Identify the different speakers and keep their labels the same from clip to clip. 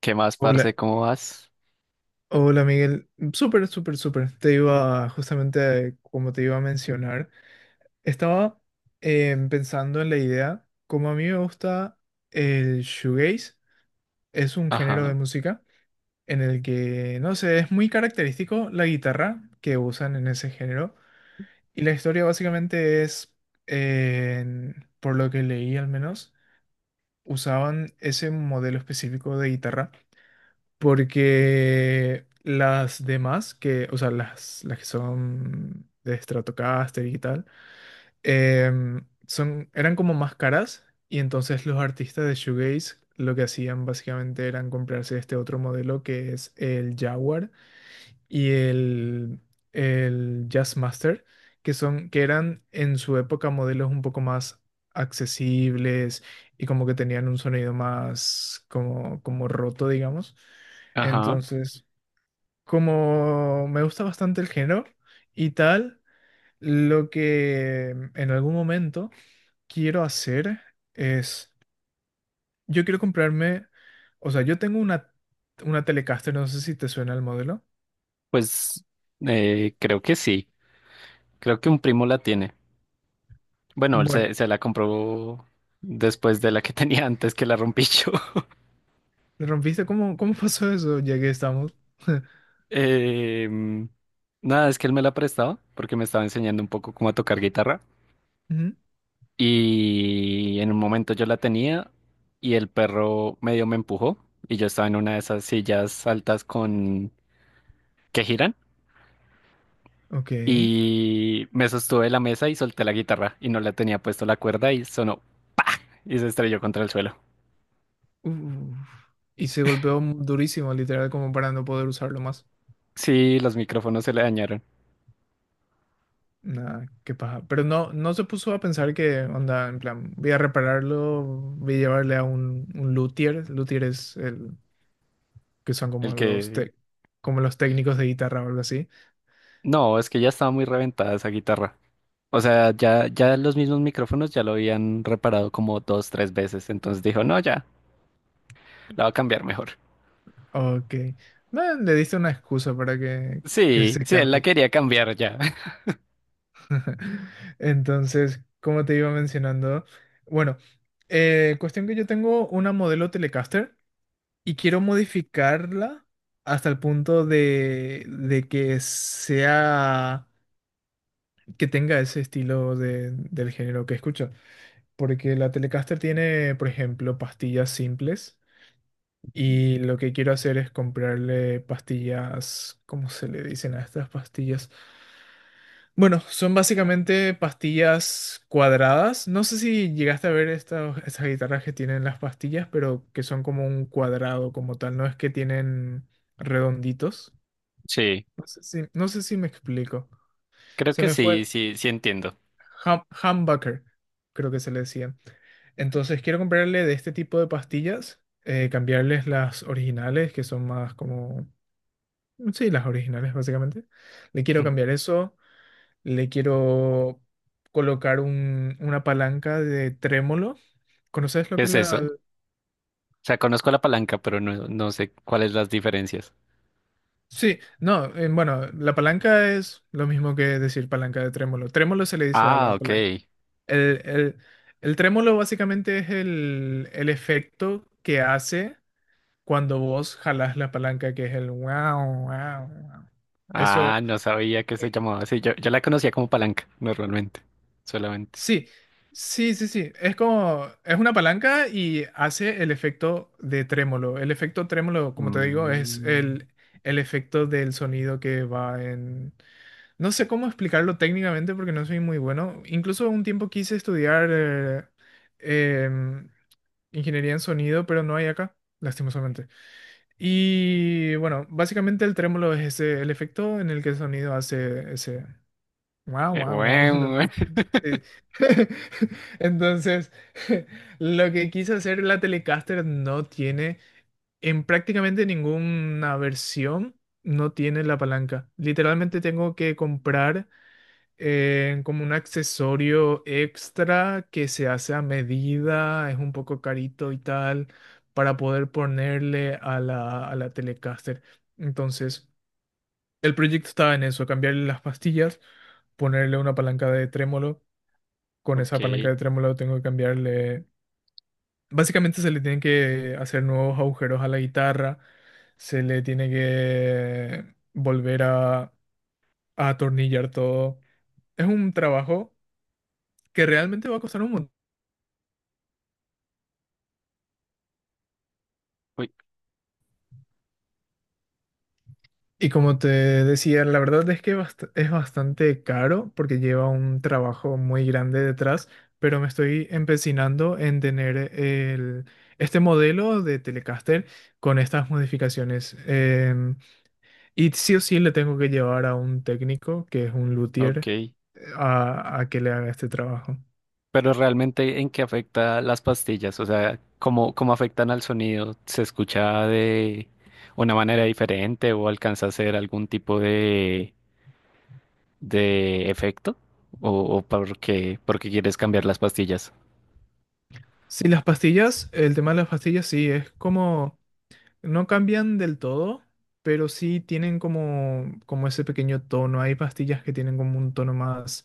Speaker 1: ¿Qué más, parce?
Speaker 2: Hola,
Speaker 1: ¿Cómo vas?
Speaker 2: hola Miguel. Súper, súper, súper. Te iba justamente, como te iba a mencionar, estaba pensando en la idea, como a mí me gusta el shoegaze, es un género de
Speaker 1: Ajá,
Speaker 2: música en el que, no sé, es muy característico la guitarra que usan en ese género. Y la historia básicamente es, por lo que leí al menos, usaban ese modelo específico de guitarra. Porque las demás, que, o sea, las que son de Stratocaster y tal, son, eran como más caras. Y entonces los artistas de Shoegaze lo que hacían básicamente eran comprarse este otro modelo que es el Jaguar y el Jazzmaster, que son, que eran en su época modelos un poco más accesibles y como que tenían un sonido más como, como roto, digamos.
Speaker 1: ajá.
Speaker 2: Entonces, como me gusta bastante el género y tal, lo que en algún momento quiero hacer es, yo quiero comprarme, o sea, yo tengo una Telecaster, no sé si te suena el modelo.
Speaker 1: Pues creo que sí. Creo que un primo la tiene. Bueno, él
Speaker 2: Bueno.
Speaker 1: se, se la compró después de la que tenía antes que la rompí yo.
Speaker 2: ¿Le rompiste? ¿Cómo, cómo pasó eso? Ya que estamos.
Speaker 1: Em, nada, es que él me la prestaba porque me estaba enseñando un poco cómo a tocar guitarra.
Speaker 2: Ujú.
Speaker 1: Y en un momento yo la tenía y el perro medio me empujó y yo estaba en una de esas sillas altas con que giran.
Speaker 2: Ok.
Speaker 1: Y me sostuve de la mesa y solté la guitarra y no le tenía puesto la cuerda y sonó y se estrelló contra el suelo.
Speaker 2: Uf. Y se golpeó durísimo, literal, como para no poder usarlo más.
Speaker 1: Sí, los micrófonos se le dañaron.
Speaker 2: Nada, qué paja. Pero no, no se puso a pensar que, onda, en plan, voy a repararlo, voy a llevarle a un luthier. Luthier es el que son
Speaker 1: El
Speaker 2: como los,
Speaker 1: que...
Speaker 2: como los técnicos de guitarra o algo así.
Speaker 1: No, es que ya estaba muy reventada esa guitarra. O sea, ya los mismos micrófonos ya lo habían reparado como dos, tres veces. Entonces dijo, no, ya, la va a cambiar mejor.
Speaker 2: Ok. No, le diste una excusa para que
Speaker 1: Sí,
Speaker 2: se
Speaker 1: sí, él la
Speaker 2: cambie.
Speaker 1: quería cambiar ya.
Speaker 2: Entonces, como te iba mencionando, bueno, cuestión que yo tengo una modelo Telecaster y quiero modificarla hasta el punto de que sea, que tenga ese estilo del género que escucho. Porque la Telecaster tiene, por ejemplo, pastillas simples
Speaker 1: Ujú.
Speaker 2: y lo que quiero hacer es comprarle pastillas, ¿cómo se le dicen a estas pastillas? Bueno, son básicamente pastillas cuadradas. No sé si llegaste a ver estas guitarras que tienen las pastillas, pero que son como un cuadrado como tal, no es que tienen redonditos.
Speaker 1: Sí,
Speaker 2: No sé si, no sé si me explico.
Speaker 1: creo
Speaker 2: Se
Speaker 1: que
Speaker 2: me fue
Speaker 1: sí,
Speaker 2: el
Speaker 1: sí, sí entiendo.
Speaker 2: humbucker, creo que se le decían. Entonces quiero comprarle de este tipo de pastillas, cambiarles las originales, que son más como... Sí, las originales básicamente. Le quiero
Speaker 1: Ujú.
Speaker 2: cambiar eso. Le quiero colocar una palanca de trémolo. ¿Conoces lo
Speaker 1: ¿Qué
Speaker 2: que es
Speaker 1: es eso?
Speaker 2: la...?
Speaker 1: O sea, conozco la palanca, pero no sé cuáles las diferencias.
Speaker 2: Sí, no, bueno, la palanca es lo mismo que decir palanca de trémolo. Trémolo se le dice a
Speaker 1: Ah,
Speaker 2: la
Speaker 1: ok.
Speaker 2: palanca. El, el, el trémolo básicamente es el efecto que hace cuando vos jalás la palanca, que es el wow, wow, wow.
Speaker 1: Ah,
Speaker 2: Eso.
Speaker 1: no sabía que se
Speaker 2: eh,
Speaker 1: llamaba así. Yo la conocía como palanca, normalmente. Solamente.
Speaker 2: Sí, sí, sí, sí. Es como, es una palanca y hace el efecto de trémolo. El efecto trémolo, como te digo, es
Speaker 1: Mm,
Speaker 2: el efecto del sonido que va en... No sé cómo explicarlo técnicamente porque no soy muy bueno. Incluso un tiempo quise estudiar em, ingeniería en sonido, pero no hay acá, lastimosamente. Y bueno, básicamente el trémolo es ese, el efecto en el que el sonido hace ese. Wow, wow, wow. No,
Speaker 1: bueno,
Speaker 2: sí. Entonces, lo que quiso hacer la Telecaster no tiene, en prácticamente ninguna versión, no tiene la palanca. Literalmente tengo que comprar como un accesorio extra que se hace a medida, es un poco carito y tal, para poder ponerle a a la Telecaster. Entonces... El proyecto estaba en eso, cambiarle las pastillas, ponerle una palanca de trémolo. Con esa palanca
Speaker 1: ok.
Speaker 2: de trémolo tengo que cambiarle... Básicamente se le tienen que hacer nuevos agujeros a la guitarra, se le tiene que volver a atornillar todo. Es un trabajo que realmente va a costar un montón.
Speaker 1: Uy,
Speaker 2: Y como te decía, la verdad es que es bastante caro porque lleva un trabajo muy grande detrás, pero me estoy empecinando en tener este modelo de Telecaster con estas modificaciones. Y sí o sí le tengo que llevar a un técnico, que es un luthier,
Speaker 1: ok.
Speaker 2: a que le haga este trabajo.
Speaker 1: Pero realmente, ¿en qué afecta las pastillas? O sea, ¿cómo, cómo afectan al sonido? ¿Se escucha de una manera diferente o alcanza a hacer algún tipo de efecto? ¿O, o por qué quieres cambiar las pastillas?
Speaker 2: Sí, las pastillas, el tema de las pastillas sí, es como... No cambian del todo, pero sí tienen como, como ese pequeño tono. Hay pastillas que tienen como un tono más,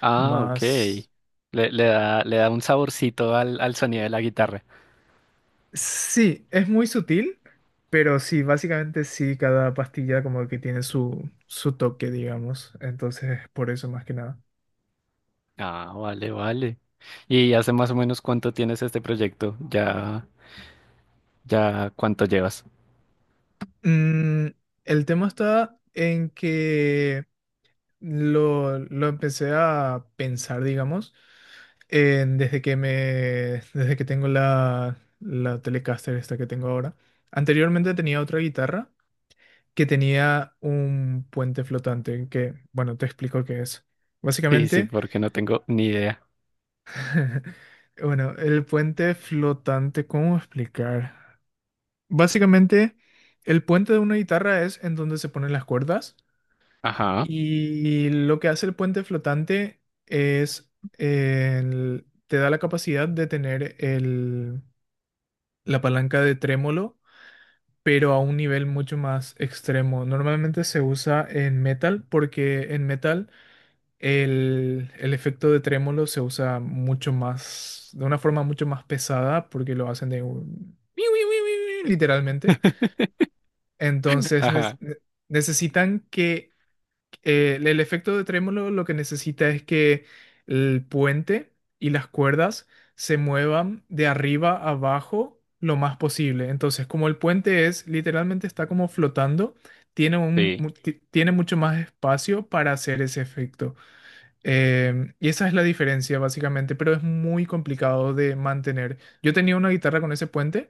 Speaker 1: Ah, ok.
Speaker 2: más...
Speaker 1: Le da un saborcito al, al sonido de la guitarra.
Speaker 2: Sí, es muy sutil, pero sí, básicamente sí, cada pastilla como que tiene su, su toque, digamos. Entonces, por eso más que nada.
Speaker 1: Ah, vale, vale. ¿Y hace más o menos cuánto tienes este proyecto? Ya, ya, ¿cuánto llevas?
Speaker 2: Mm, el tema está en que lo empecé a pensar, digamos, desde que me, desde que tengo la Telecaster esta que tengo ahora. Anteriormente tenía otra guitarra que tenía un puente flotante, que, bueno, te explico qué es.
Speaker 1: Sí, sí,
Speaker 2: Básicamente,
Speaker 1: porque no tengo ni idea.
Speaker 2: bueno, el puente flotante, ¿cómo explicar? Básicamente, el puente de una guitarra es en donde se ponen las cuerdas.
Speaker 1: Ajá.
Speaker 2: Y lo que hace el puente flotante es, te da la capacidad de tener la palanca de trémolo, pero a un nivel mucho más extremo. Normalmente se usa en metal porque en metal el efecto de trémolo se usa mucho más, de una forma mucho más pesada porque lo hacen de un- literalmente. Entonces
Speaker 1: Ajá.
Speaker 2: necesitan que el el efecto de trémolo lo que necesita es que el puente y las cuerdas se muevan de arriba a abajo lo más posible. Entonces, como el puente es literalmente está como flotando, tiene un,
Speaker 1: Sí,
Speaker 2: tiene mucho más espacio para hacer ese efecto. Y esa es la diferencia básicamente, pero es muy complicado de mantener. Yo tenía una guitarra con ese puente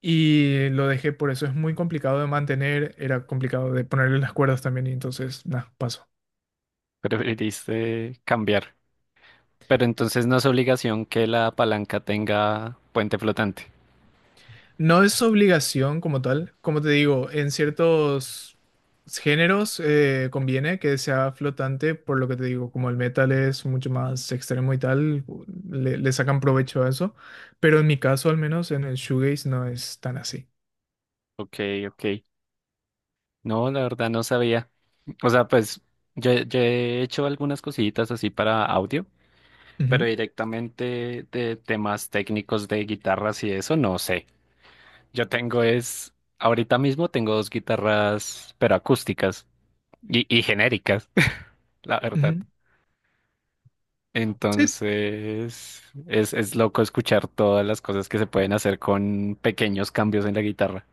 Speaker 2: y lo dejé por eso. Es muy complicado de mantener, era complicado de ponerle las cuerdas también y entonces, nada, paso.
Speaker 1: preferiste cambiar. Pero entonces no es obligación que la palanca tenga puente flotante.
Speaker 2: No es obligación como tal. Como te digo, en ciertos géneros conviene que sea flotante, por lo que te digo, como el metal es mucho más extremo y tal, le sacan provecho a eso. Pero en mi caso, al menos en el shoegaze, no es tan así.
Speaker 1: Ok, ok. No, la verdad no sabía. O sea, pues yo he hecho algunas cositas así para audio, pero
Speaker 2: Ujú,
Speaker 1: directamente de temas técnicos de guitarras y eso, no sé. Yo tengo es, ahorita mismo tengo dos guitarras, pero acústicas y genéricas, la verdad.
Speaker 2: ujú. Sí,
Speaker 1: Entonces, es loco escuchar todas las cosas que se pueden hacer con pequeños cambios en la guitarra.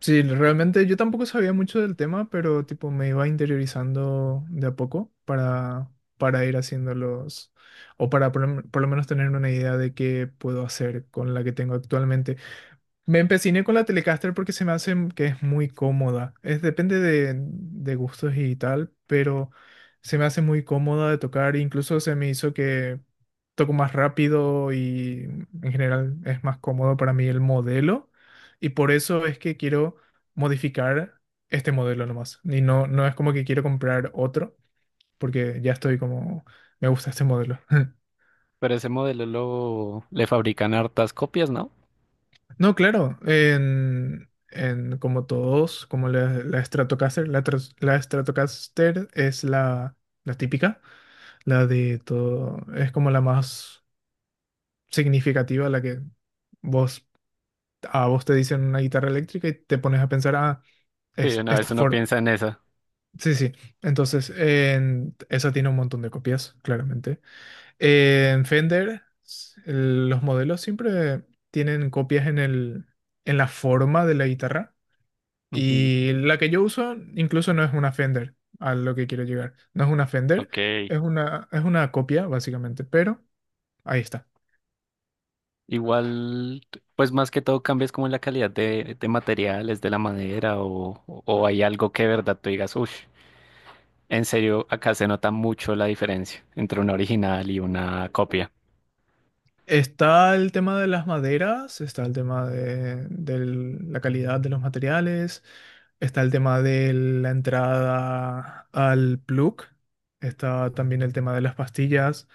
Speaker 2: sí, realmente yo tampoco sabía mucho del tema, pero tipo me iba interiorizando de a poco para ir haciendo los, o para por, por lo menos tener una idea de qué puedo hacer con la que tengo actualmente. Me empeciné con la Telecaster porque se me hace que es muy cómoda. Es, depende de gustos y tal, pero se me hace muy cómoda de tocar. Incluso se me hizo que toco más rápido y en general es más cómodo para mí el modelo. Y por eso es que quiero modificar este modelo nomás. Y no, no es como que quiero comprar otro, porque ya estoy como, me gusta este modelo.
Speaker 1: Pero ese modelo lo, le fabrican hartas copias, ¿no?
Speaker 2: No, claro, en como todos, como la Stratocaster, la Stratocaster es la típica, la de todo, es como la más significativa, la que vos, a vos te dicen una guitarra eléctrica y te pones a pensar, ah,
Speaker 1: Sí,
Speaker 2: es
Speaker 1: una
Speaker 2: esta
Speaker 1: vez uno
Speaker 2: forma.
Speaker 1: piensa en esa.
Speaker 2: Sí, sí, entonces en, esa tiene un montón de copias, claramente. En Fender, los modelos siempre tienen copias en en la forma de la guitarra.
Speaker 1: Ujú.
Speaker 2: Y la que yo uso incluso no es una Fender, a lo que quiero llegar. No es una Fender,
Speaker 1: Ok.
Speaker 2: es una copia, básicamente, pero ahí está.
Speaker 1: Igual, pues más que todo cambias como en la calidad de materiales, de la madera, o hay algo que de verdad tú digas, uff. En serio, acá se nota mucho la diferencia entre una original y una copia.
Speaker 2: Está el tema de las maderas, está el tema de la calidad de los materiales, está el tema de la entrada al plug, está también el tema de las pastillas.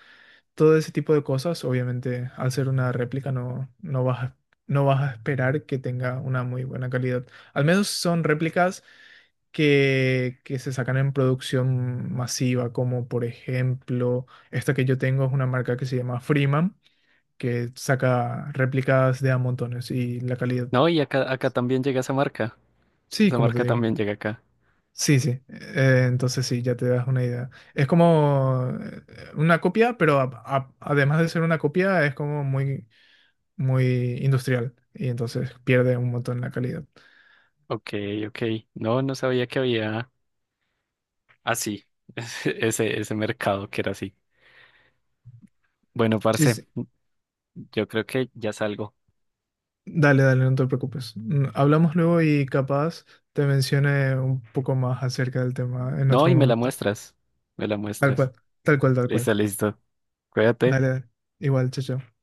Speaker 2: Todo ese tipo de cosas, obviamente, al ser una réplica no, no vas a, no vas a esperar que tenga una muy buena calidad. Al menos son réplicas que se sacan en producción masiva, como por ejemplo, esta que yo tengo es una marca que se llama Freeman, que saca réplicas de a montones y la calidad.
Speaker 1: No, y acá
Speaker 2: es-
Speaker 1: también llega esa marca.
Speaker 2: Sí,
Speaker 1: Esa
Speaker 2: como te
Speaker 1: marca
Speaker 2: digo.
Speaker 1: también llega acá.
Speaker 2: Sí, sí. Entonces sí, ya te das una idea. Es como una copia, pero además de ser una copia, es como muy industrial y entonces pierde un montón la calidad.
Speaker 1: Ok, ok. No, no sabía que había así, ese mercado que era así. Bueno,
Speaker 2: Sí,
Speaker 1: parce,
Speaker 2: sí.
Speaker 1: yo creo que ya salgo.
Speaker 2: Dale, dale, no te preocupes. Mm, hablamos luego y capaz te mencione un poco más acerca del tema en
Speaker 1: No,
Speaker 2: otro
Speaker 1: y me la
Speaker 2: momento.
Speaker 1: muestras. Me la
Speaker 2: Tal
Speaker 1: muestras.
Speaker 2: cual, tal cual, tal cual.
Speaker 1: Listo, listo. Cuídate.
Speaker 2: Dale, dale. Igual, chao, chao.